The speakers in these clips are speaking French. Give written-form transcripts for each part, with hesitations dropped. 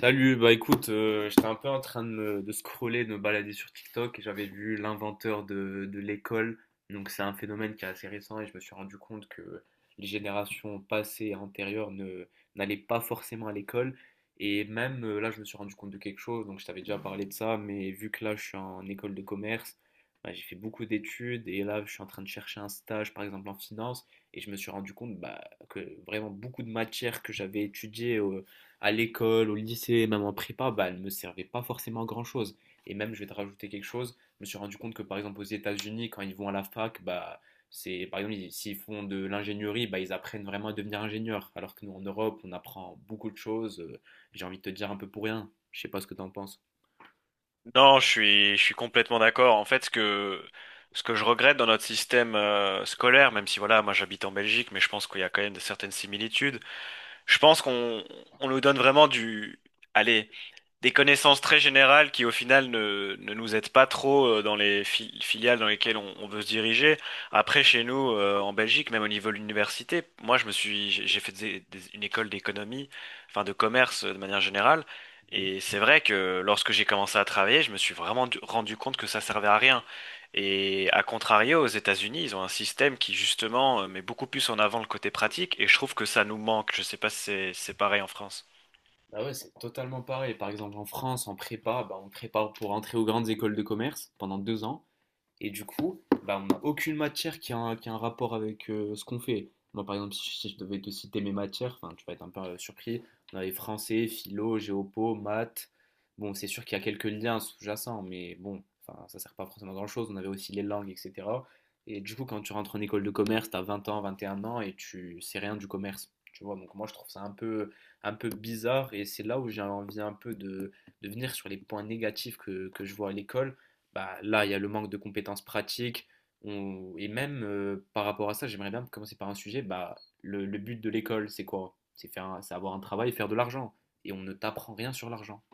Salut, bah écoute, j'étais un peu en train de scroller, de me balader sur TikTok et j'avais vu l'inventeur de l'école. Donc c'est un phénomène qui est assez récent et je me suis rendu compte que les générations passées et antérieures ne, n'allaient pas forcément à l'école. Et même là, je me suis rendu compte de quelque chose, donc je t'avais déjà parlé de ça, mais vu que là, je suis en école de commerce, bah, j'ai fait beaucoup d'études et là, je suis en train de chercher un stage, par exemple en finance, et je me suis rendu compte bah, que vraiment beaucoup de matières que j'avais étudiées à l'école, au lycée, même en prépa, bah, elle ne me servait pas forcément à grand-chose. Et même, je vais te rajouter quelque chose, je me suis rendu compte que par exemple aux États-Unis, quand ils vont à la fac, bah, c'est, par exemple, s'ils font de l'ingénierie, bah, ils apprennent vraiment à devenir ingénieur. Alors que nous, en Europe, on apprend beaucoup de choses, j'ai envie de te dire un peu pour rien. Je sais pas ce que tu en penses. Non, je suis complètement d'accord. En fait, ce que je regrette dans notre système scolaire, même si voilà, moi j'habite en Belgique, mais je pense qu'il y a quand même de certaines similitudes. Je pense qu'on, on nous donne vraiment allez, des connaissances très générales qui au final ne nous aident pas trop dans les filiales dans lesquelles on veut se diriger. Après, chez nous, en Belgique, même au niveau de l'université, moi je me suis, j'ai fait une école d'économie, enfin de commerce de manière générale. Mhm. Et c'est vrai que lorsque j'ai commencé à travailler, je me suis vraiment rendu compte que ça servait à rien. Et à contrario, aux États-Unis, ils ont un système qui justement met beaucoup plus en avant le côté pratique, et je trouve que ça nous manque. Je sais pas si c'est pareil en France. Ah ouais, c'est totalement pareil. Par exemple, en France, en prépa, bah, on prépare pour entrer aux grandes écoles de commerce pendant deux ans. Et du coup, bah, on n'a aucune matière qui a un rapport avec ce qu'on fait. Moi, par exemple, si je devais te citer mes matières, enfin, tu vas être un peu surpris. On avait français, philo, géopo, maths. Bon, c'est sûr qu'il y a quelques liens sous-jacents, mais bon, enfin, ça sert pas forcément à grand-chose. On avait aussi les langues, etc. Et du coup, quand tu rentres en école de commerce, tu as 20 ans, 21 ans et tu sais rien du commerce. Tu vois, donc moi, je trouve ça un peu bizarre et c'est là où j'ai envie un peu de venir sur les points négatifs que je vois à l'école bah, là, il y a le manque de compétences pratiques. Et même par rapport à ça, j'aimerais bien commencer par un sujet. Bah, le but de l'école, c'est quoi? C'est faire, c'est avoir un travail et faire de l'argent. Et on ne t'apprend rien sur l'argent.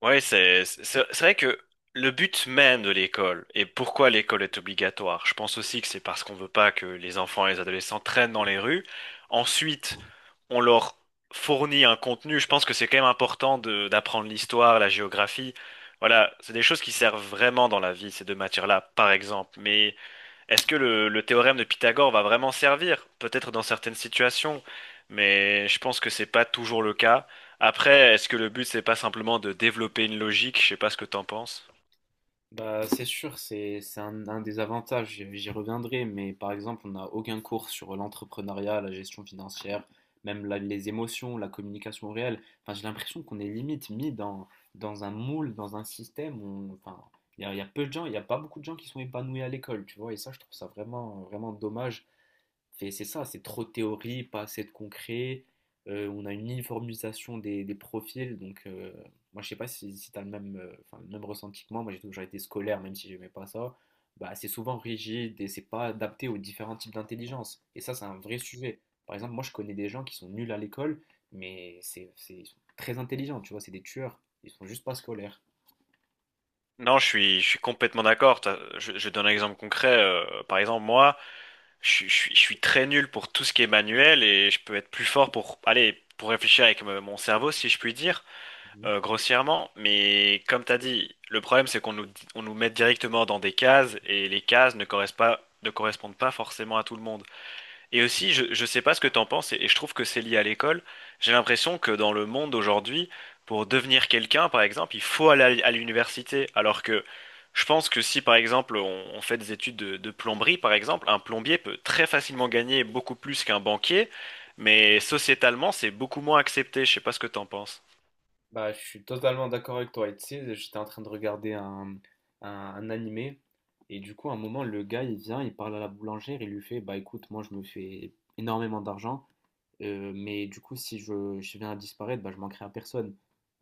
Oui, c'est vrai que le but même de l'école et pourquoi l'école est obligatoire, je pense aussi que c'est parce qu'on veut pas que les enfants et les adolescents traînent dans les rues. Ensuite, on leur fournit un contenu. Je pense que c'est quand même important de d'apprendre l'histoire, la géographie. Voilà, c'est des choses qui servent vraiment dans la vie, ces deux matières-là, par exemple. Mais est-ce que le théorème de Pythagore va vraiment servir? Peut-être dans certaines situations, mais je pense que c'est pas toujours le cas. Après, est-ce que le but c'est pas simplement de développer une logique? Je sais pas ce que t'en penses. Bah, c'est sûr, c'est un des avantages, j'y reviendrai, mais par exemple, on n'a aucun cours sur l'entrepreneuriat, la gestion financière, même les émotions, la communication réelle. Enfin, j'ai l'impression qu'on est limite mis dans un moule, dans un système où, enfin, il y a peu de gens, il n'y a pas beaucoup de gens qui sont épanouis à l'école, tu vois, et ça, je trouve ça vraiment, vraiment dommage. Fait, c'est ça, c'est trop de théorie, pas assez de concret. On a une uniformisation des profils, donc moi je sais pas si tu as le même, enfin, le même ressenti que moi. Moi j'ai toujours été scolaire, même si j'aimais pas ça. Bah, c'est souvent rigide et c'est pas adapté aux différents types d'intelligence. Et ça, c'est un vrai sujet. Par exemple, moi je connais des gens qui sont nuls à l'école, mais ils sont très intelligents, tu vois, c'est des tueurs. Ils sont juste pas scolaires. Non, je suis complètement d'accord. Je donne un exemple concret. Par exemple, moi, je suis très nul pour tout ce qui est manuel et je peux être plus fort pour, allez, pour réfléchir avec mon cerveau, si je puis dire. Grossièrement, mais comme t'as dit, le problème c'est on nous met directement dans des cases et les cases ne correspondent pas forcément à tout le monde. Et aussi, je sais pas ce que t'en penses et je trouve que c'est lié à l'école. J'ai l'impression que dans le monde aujourd'hui, pour devenir quelqu'un, par exemple, il faut aller à l'université. Alors que je pense que si, par exemple, on fait des études de plomberie, par exemple, un plombier peut très facilement gagner beaucoup plus qu'un banquier, mais sociétalement, c'est beaucoup moins accepté. Je sais pas ce que t'en penses. Bah, je suis totalement d'accord avec toi. Et tu sais, j'étais en train de regarder un animé. Et du coup, à un moment, le gars, il vient, il parle à la boulangère, il lui fait, bah écoute, moi, je me fais énormément d'argent. Mais du coup, si je, je viens à disparaître, bah, je manquerai à personne.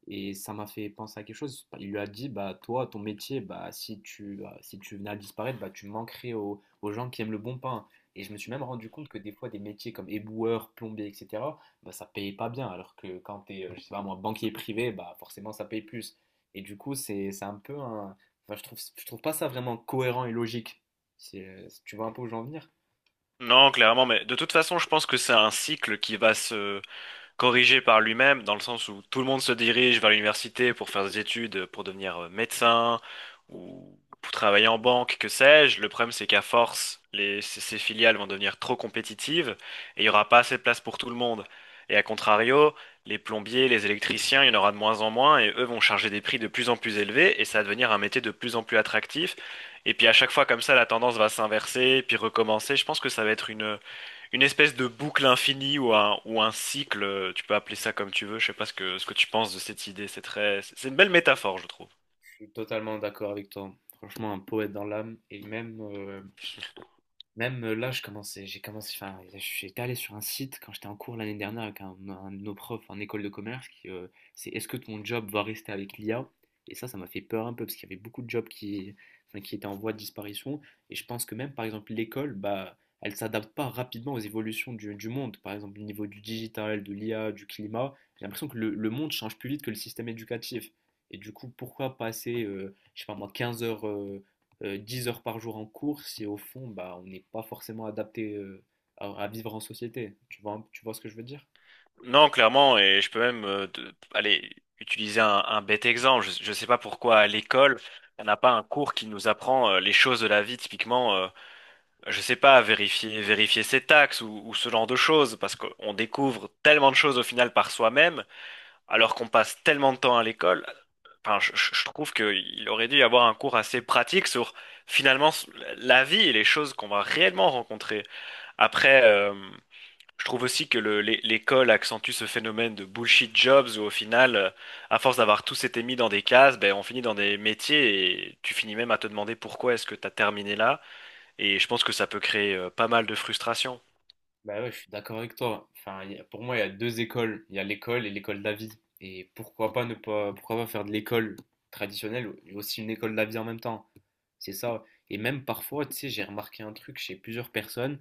Et ça m'a fait penser à quelque chose. Il lui a dit, bah toi, ton métier, bah si tu venais à disparaître, bah tu manquerais aux gens qui aiment le bon pain. Et je me suis même rendu compte que des fois, des métiers comme éboueur, plombier, etc., bah ça payait pas bien. Alors que quand t'es, je sais pas moi, banquier privé, bah forcément ça paye plus. Et du coup, c'est un peu un. Enfin, je trouve pas ça vraiment cohérent et logique. Tu vois un peu où j'en venir? Non, clairement, mais de toute façon, je pense que c'est un cycle qui va corrigé par lui-même, dans le sens où tout le monde se dirige vers l'université pour faire des études, pour devenir médecin ou pour travailler en banque, que sais-je. Le problème, c'est qu'à force, ces filiales vont devenir trop compétitives et il n'y aura pas assez de place pour tout le monde. Et à contrario, les plombiers, les électriciens, il y en aura de moins en moins et eux vont charger des prix de plus en plus élevés et ça va devenir un métier de plus en plus attractif. Et puis à chaque fois comme ça, la tendance va s'inverser, puis recommencer. Je pense que ça va être une espèce de boucle infinie ou un cycle, tu peux appeler ça comme tu veux, je sais pas ce que tu penses de cette idée, c'est une belle métaphore, je trouve. Je suis totalement d'accord avec toi. Franchement, un poète dans l'âme. Même là, j'ai commencé, enfin, j'étais allé sur un site quand j'étais en cours l'année dernière avec un de nos profs en école de commerce qui, c'est est-ce que ton job va rester avec l'IA? Et ça m'a fait peur un peu parce qu'il y avait beaucoup de jobs enfin, qui étaient en voie de disparition. Et je pense que même, par exemple, l'école, bah, elle s'adapte pas rapidement aux évolutions du monde. Par exemple, au niveau du digital, de l'IA, du climat, j'ai l'impression que le monde change plus vite que le système éducatif. Et du coup, pourquoi passer, je sais pas moi, 15 heures, 10 heures par jour en cours, si au fond, bah, on n'est pas forcément adapté à vivre en société. Tu vois ce que je veux dire? Non, clairement, et je peux même aller utiliser un bête exemple, je sais pas pourquoi à l'école, on n'a pas un cours qui nous apprend les choses de la vie, typiquement, je sais pas, vérifier ses taxes ou ce genre de choses, parce qu'on découvre tellement de choses au final par soi-même, alors qu'on passe tellement de temps à l'école. Enfin, je trouve qu'il aurait dû y avoir un cours assez pratique sur finalement s- la vie et les choses qu'on va réellement rencontrer. Après, je trouve aussi que l'école accentue ce phénomène de bullshit jobs où au final, à force d'avoir tous été mis dans des cases, ben, on finit dans des métiers et tu finis même à te demander pourquoi est-ce que tu as terminé là. Et je pense que ça peut créer pas mal de frustration. Bah ouais, je suis d'accord avec toi. Pour moi, il y a deux écoles. Il y a l'école et l'école de la vie. Et pourquoi pas faire de l'école traditionnelle et aussi une école de la vie en même temps. C'est ça. Et même parfois, tu sais, j'ai remarqué un truc chez plusieurs personnes.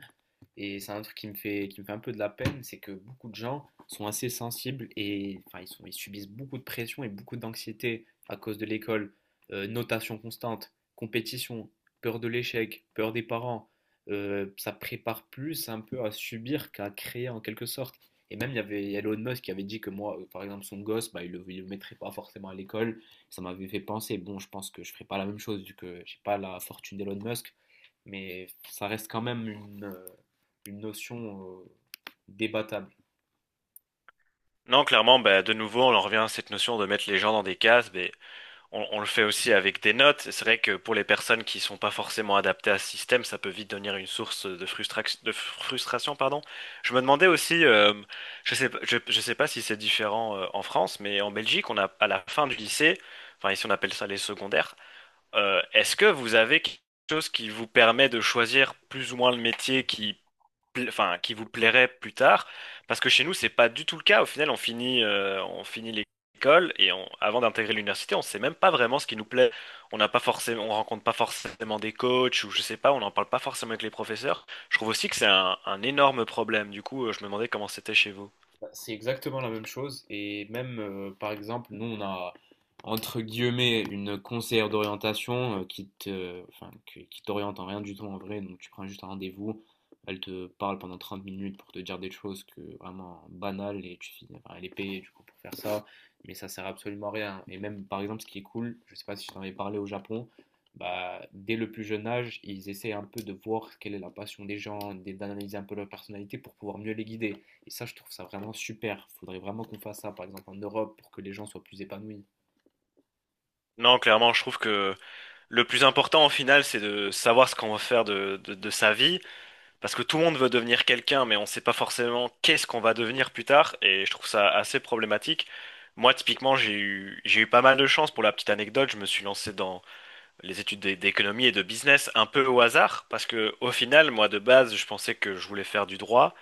Et c'est un truc qui me fait un peu de la peine, c'est que beaucoup de gens sont assez sensibles et enfin, ils subissent beaucoup de pression et beaucoup d'anxiété à cause de l'école. Notation constante, compétition, peur de l'échec, peur des parents. Ça prépare plus un peu à subir qu'à créer en quelque sorte. Et même, il y avait Elon Musk qui avait dit que moi, par exemple, son gosse, bah, il ne le, le mettrait pas forcément à l'école. Ça m'avait fait penser, bon, je pense que je ne ferai pas la même chose vu que je n'ai pas la fortune d'Elon Musk. Mais ça reste quand même une notion débattable. Non, clairement, ben, de nouveau, on en revient à cette notion de mettre les gens dans des cases. Ben, on le fait aussi avec des notes. C'est vrai que pour les personnes qui sont pas forcément adaptées à ce système, ça peut vite devenir une source de frustration, frustration, pardon. Je me demandais aussi, je sais pas si c'est différent en France, mais en Belgique, on a à la fin du lycée, enfin ici on appelle ça les secondaires. Est-ce que vous avez quelque chose qui vous permet de choisir plus ou moins le métier enfin, qui vous plairait plus tard, parce que chez nous, c'est pas du tout le cas. Au final, on finit l'école avant d'intégrer l'université, on sait même pas vraiment ce qui nous plaît. On rencontre pas forcément des coachs ou je sais pas, on n'en parle pas forcément avec les professeurs. Je trouve aussi que c'est un énorme problème. Du coup, je me demandais comment c'était chez vous. Bah, c'est exactement la même chose et même par exemple nous on a entre guillemets une conseillère d'orientation enfin, qui t'oriente en rien du tout en vrai donc tu prends juste un rendez-vous elle te parle pendant 30 minutes pour te dire des choses que vraiment banales et tu finis enfin, elle est payée du coup pour faire ça mais ça sert absolument à rien et même par exemple ce qui est cool je sais pas si je t'en avais parlé au Japon bah, dès le plus jeune âge ils essaient un peu de voir quelle est la passion des gens d'analyser un peu leur personnalité pour pouvoir mieux les guider et ça, je trouve ça vraiment super. Il faudrait vraiment qu'on fasse ça, par exemple, en Europe, pour que les gens soient plus épanouis. Non, clairement, je trouve que le plus important au final, c'est de savoir ce qu'on veut faire de sa vie. Parce que tout le monde veut devenir quelqu'un, mais on ne sait pas forcément qu'est-ce qu'on va devenir plus tard, et je trouve ça assez problématique. Moi, typiquement, j'ai eu pas mal de chance. Pour la petite anecdote, je me suis lancé dans les études d'économie et de business un peu au hasard, parce que au final, moi, de base, je pensais que je voulais faire du droit.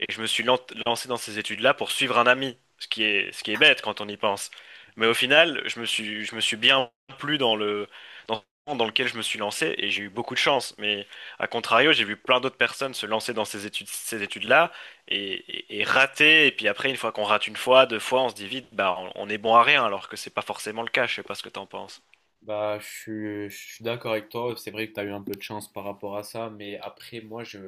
Et je me suis lancé dans ces études-là pour suivre un ami, ce qui est bête quand on y pense. Mhm. Mais au final, je me suis bien plu dans, dans lequel je me suis lancé et j'ai eu beaucoup de chance. Mais à contrario, j'ai vu plein d'autres personnes se lancer dans ces études, ces études-là et, et rater. Et puis après, une fois qu'on rate une fois, deux fois, on se dit vite, bah, on est bon à rien, alors que c'est pas forcément le cas. Je sais pas ce que t'en penses. Bah, je suis d'accord avec toi. C'est vrai que tu as eu un peu de chance par rapport à ça, mais après,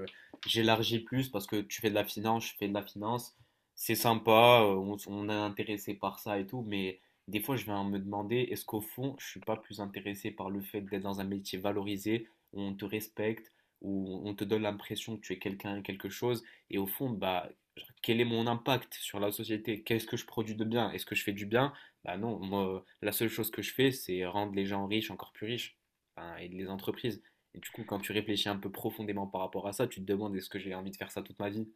j'élargis plus parce que tu fais de la finance, je fais de la finance. C'est sympa, on est intéressé par ça et tout, mais des fois, je vais me demander, est-ce qu'au fond, je suis pas plus intéressé par le fait d'être dans un métier valorisé, où on te respecte, où on te donne l'impression que tu es quelqu'un et quelque chose, et au fond, bah, genre, quel est mon impact sur la société? Qu'est-ce que je produis de bien? Est-ce que je fais du bien? Bah non, moi, la seule chose que je fais, c'est rendre les gens riches encore plus riches, enfin, et les entreprises. Et du coup, quand tu réfléchis un peu profondément par rapport à ça, tu te demandes est-ce que j'ai envie de faire ça toute ma vie?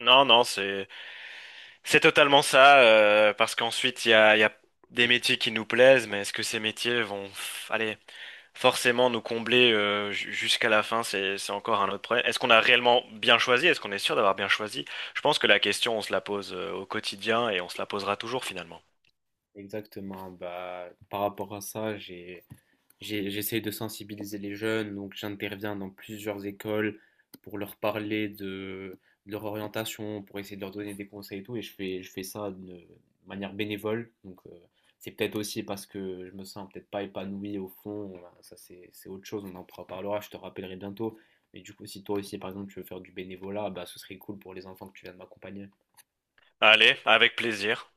Non, c'est totalement ça, parce qu'ensuite, il y a des métiers qui nous plaisent, mais est-ce que ces métiers vont, allez, forcément, nous combler jusqu'à la fin, c'est encore un autre problème. Est-ce qu'on a réellement bien choisi? Est-ce qu'on est sûr d'avoir bien choisi? Je pense que la question, on se la pose au quotidien et on se la posera toujours finalement. Exactement, bah par rapport à ça, j'essaie de sensibiliser les jeunes, donc j'interviens dans plusieurs écoles pour leur parler de leur orientation, pour essayer de leur donner des conseils et tout, et je fais ça de manière bénévole. Donc c'est peut-être aussi parce que je me sens peut-être pas épanoui au fond, voilà, ça c'est autre chose, on en parlera, je te rappellerai bientôt. Mais du coup, si toi aussi par exemple tu veux faire du bénévolat, bah ce serait cool pour les enfants que tu viens de m'accompagner. Allez, avec plaisir.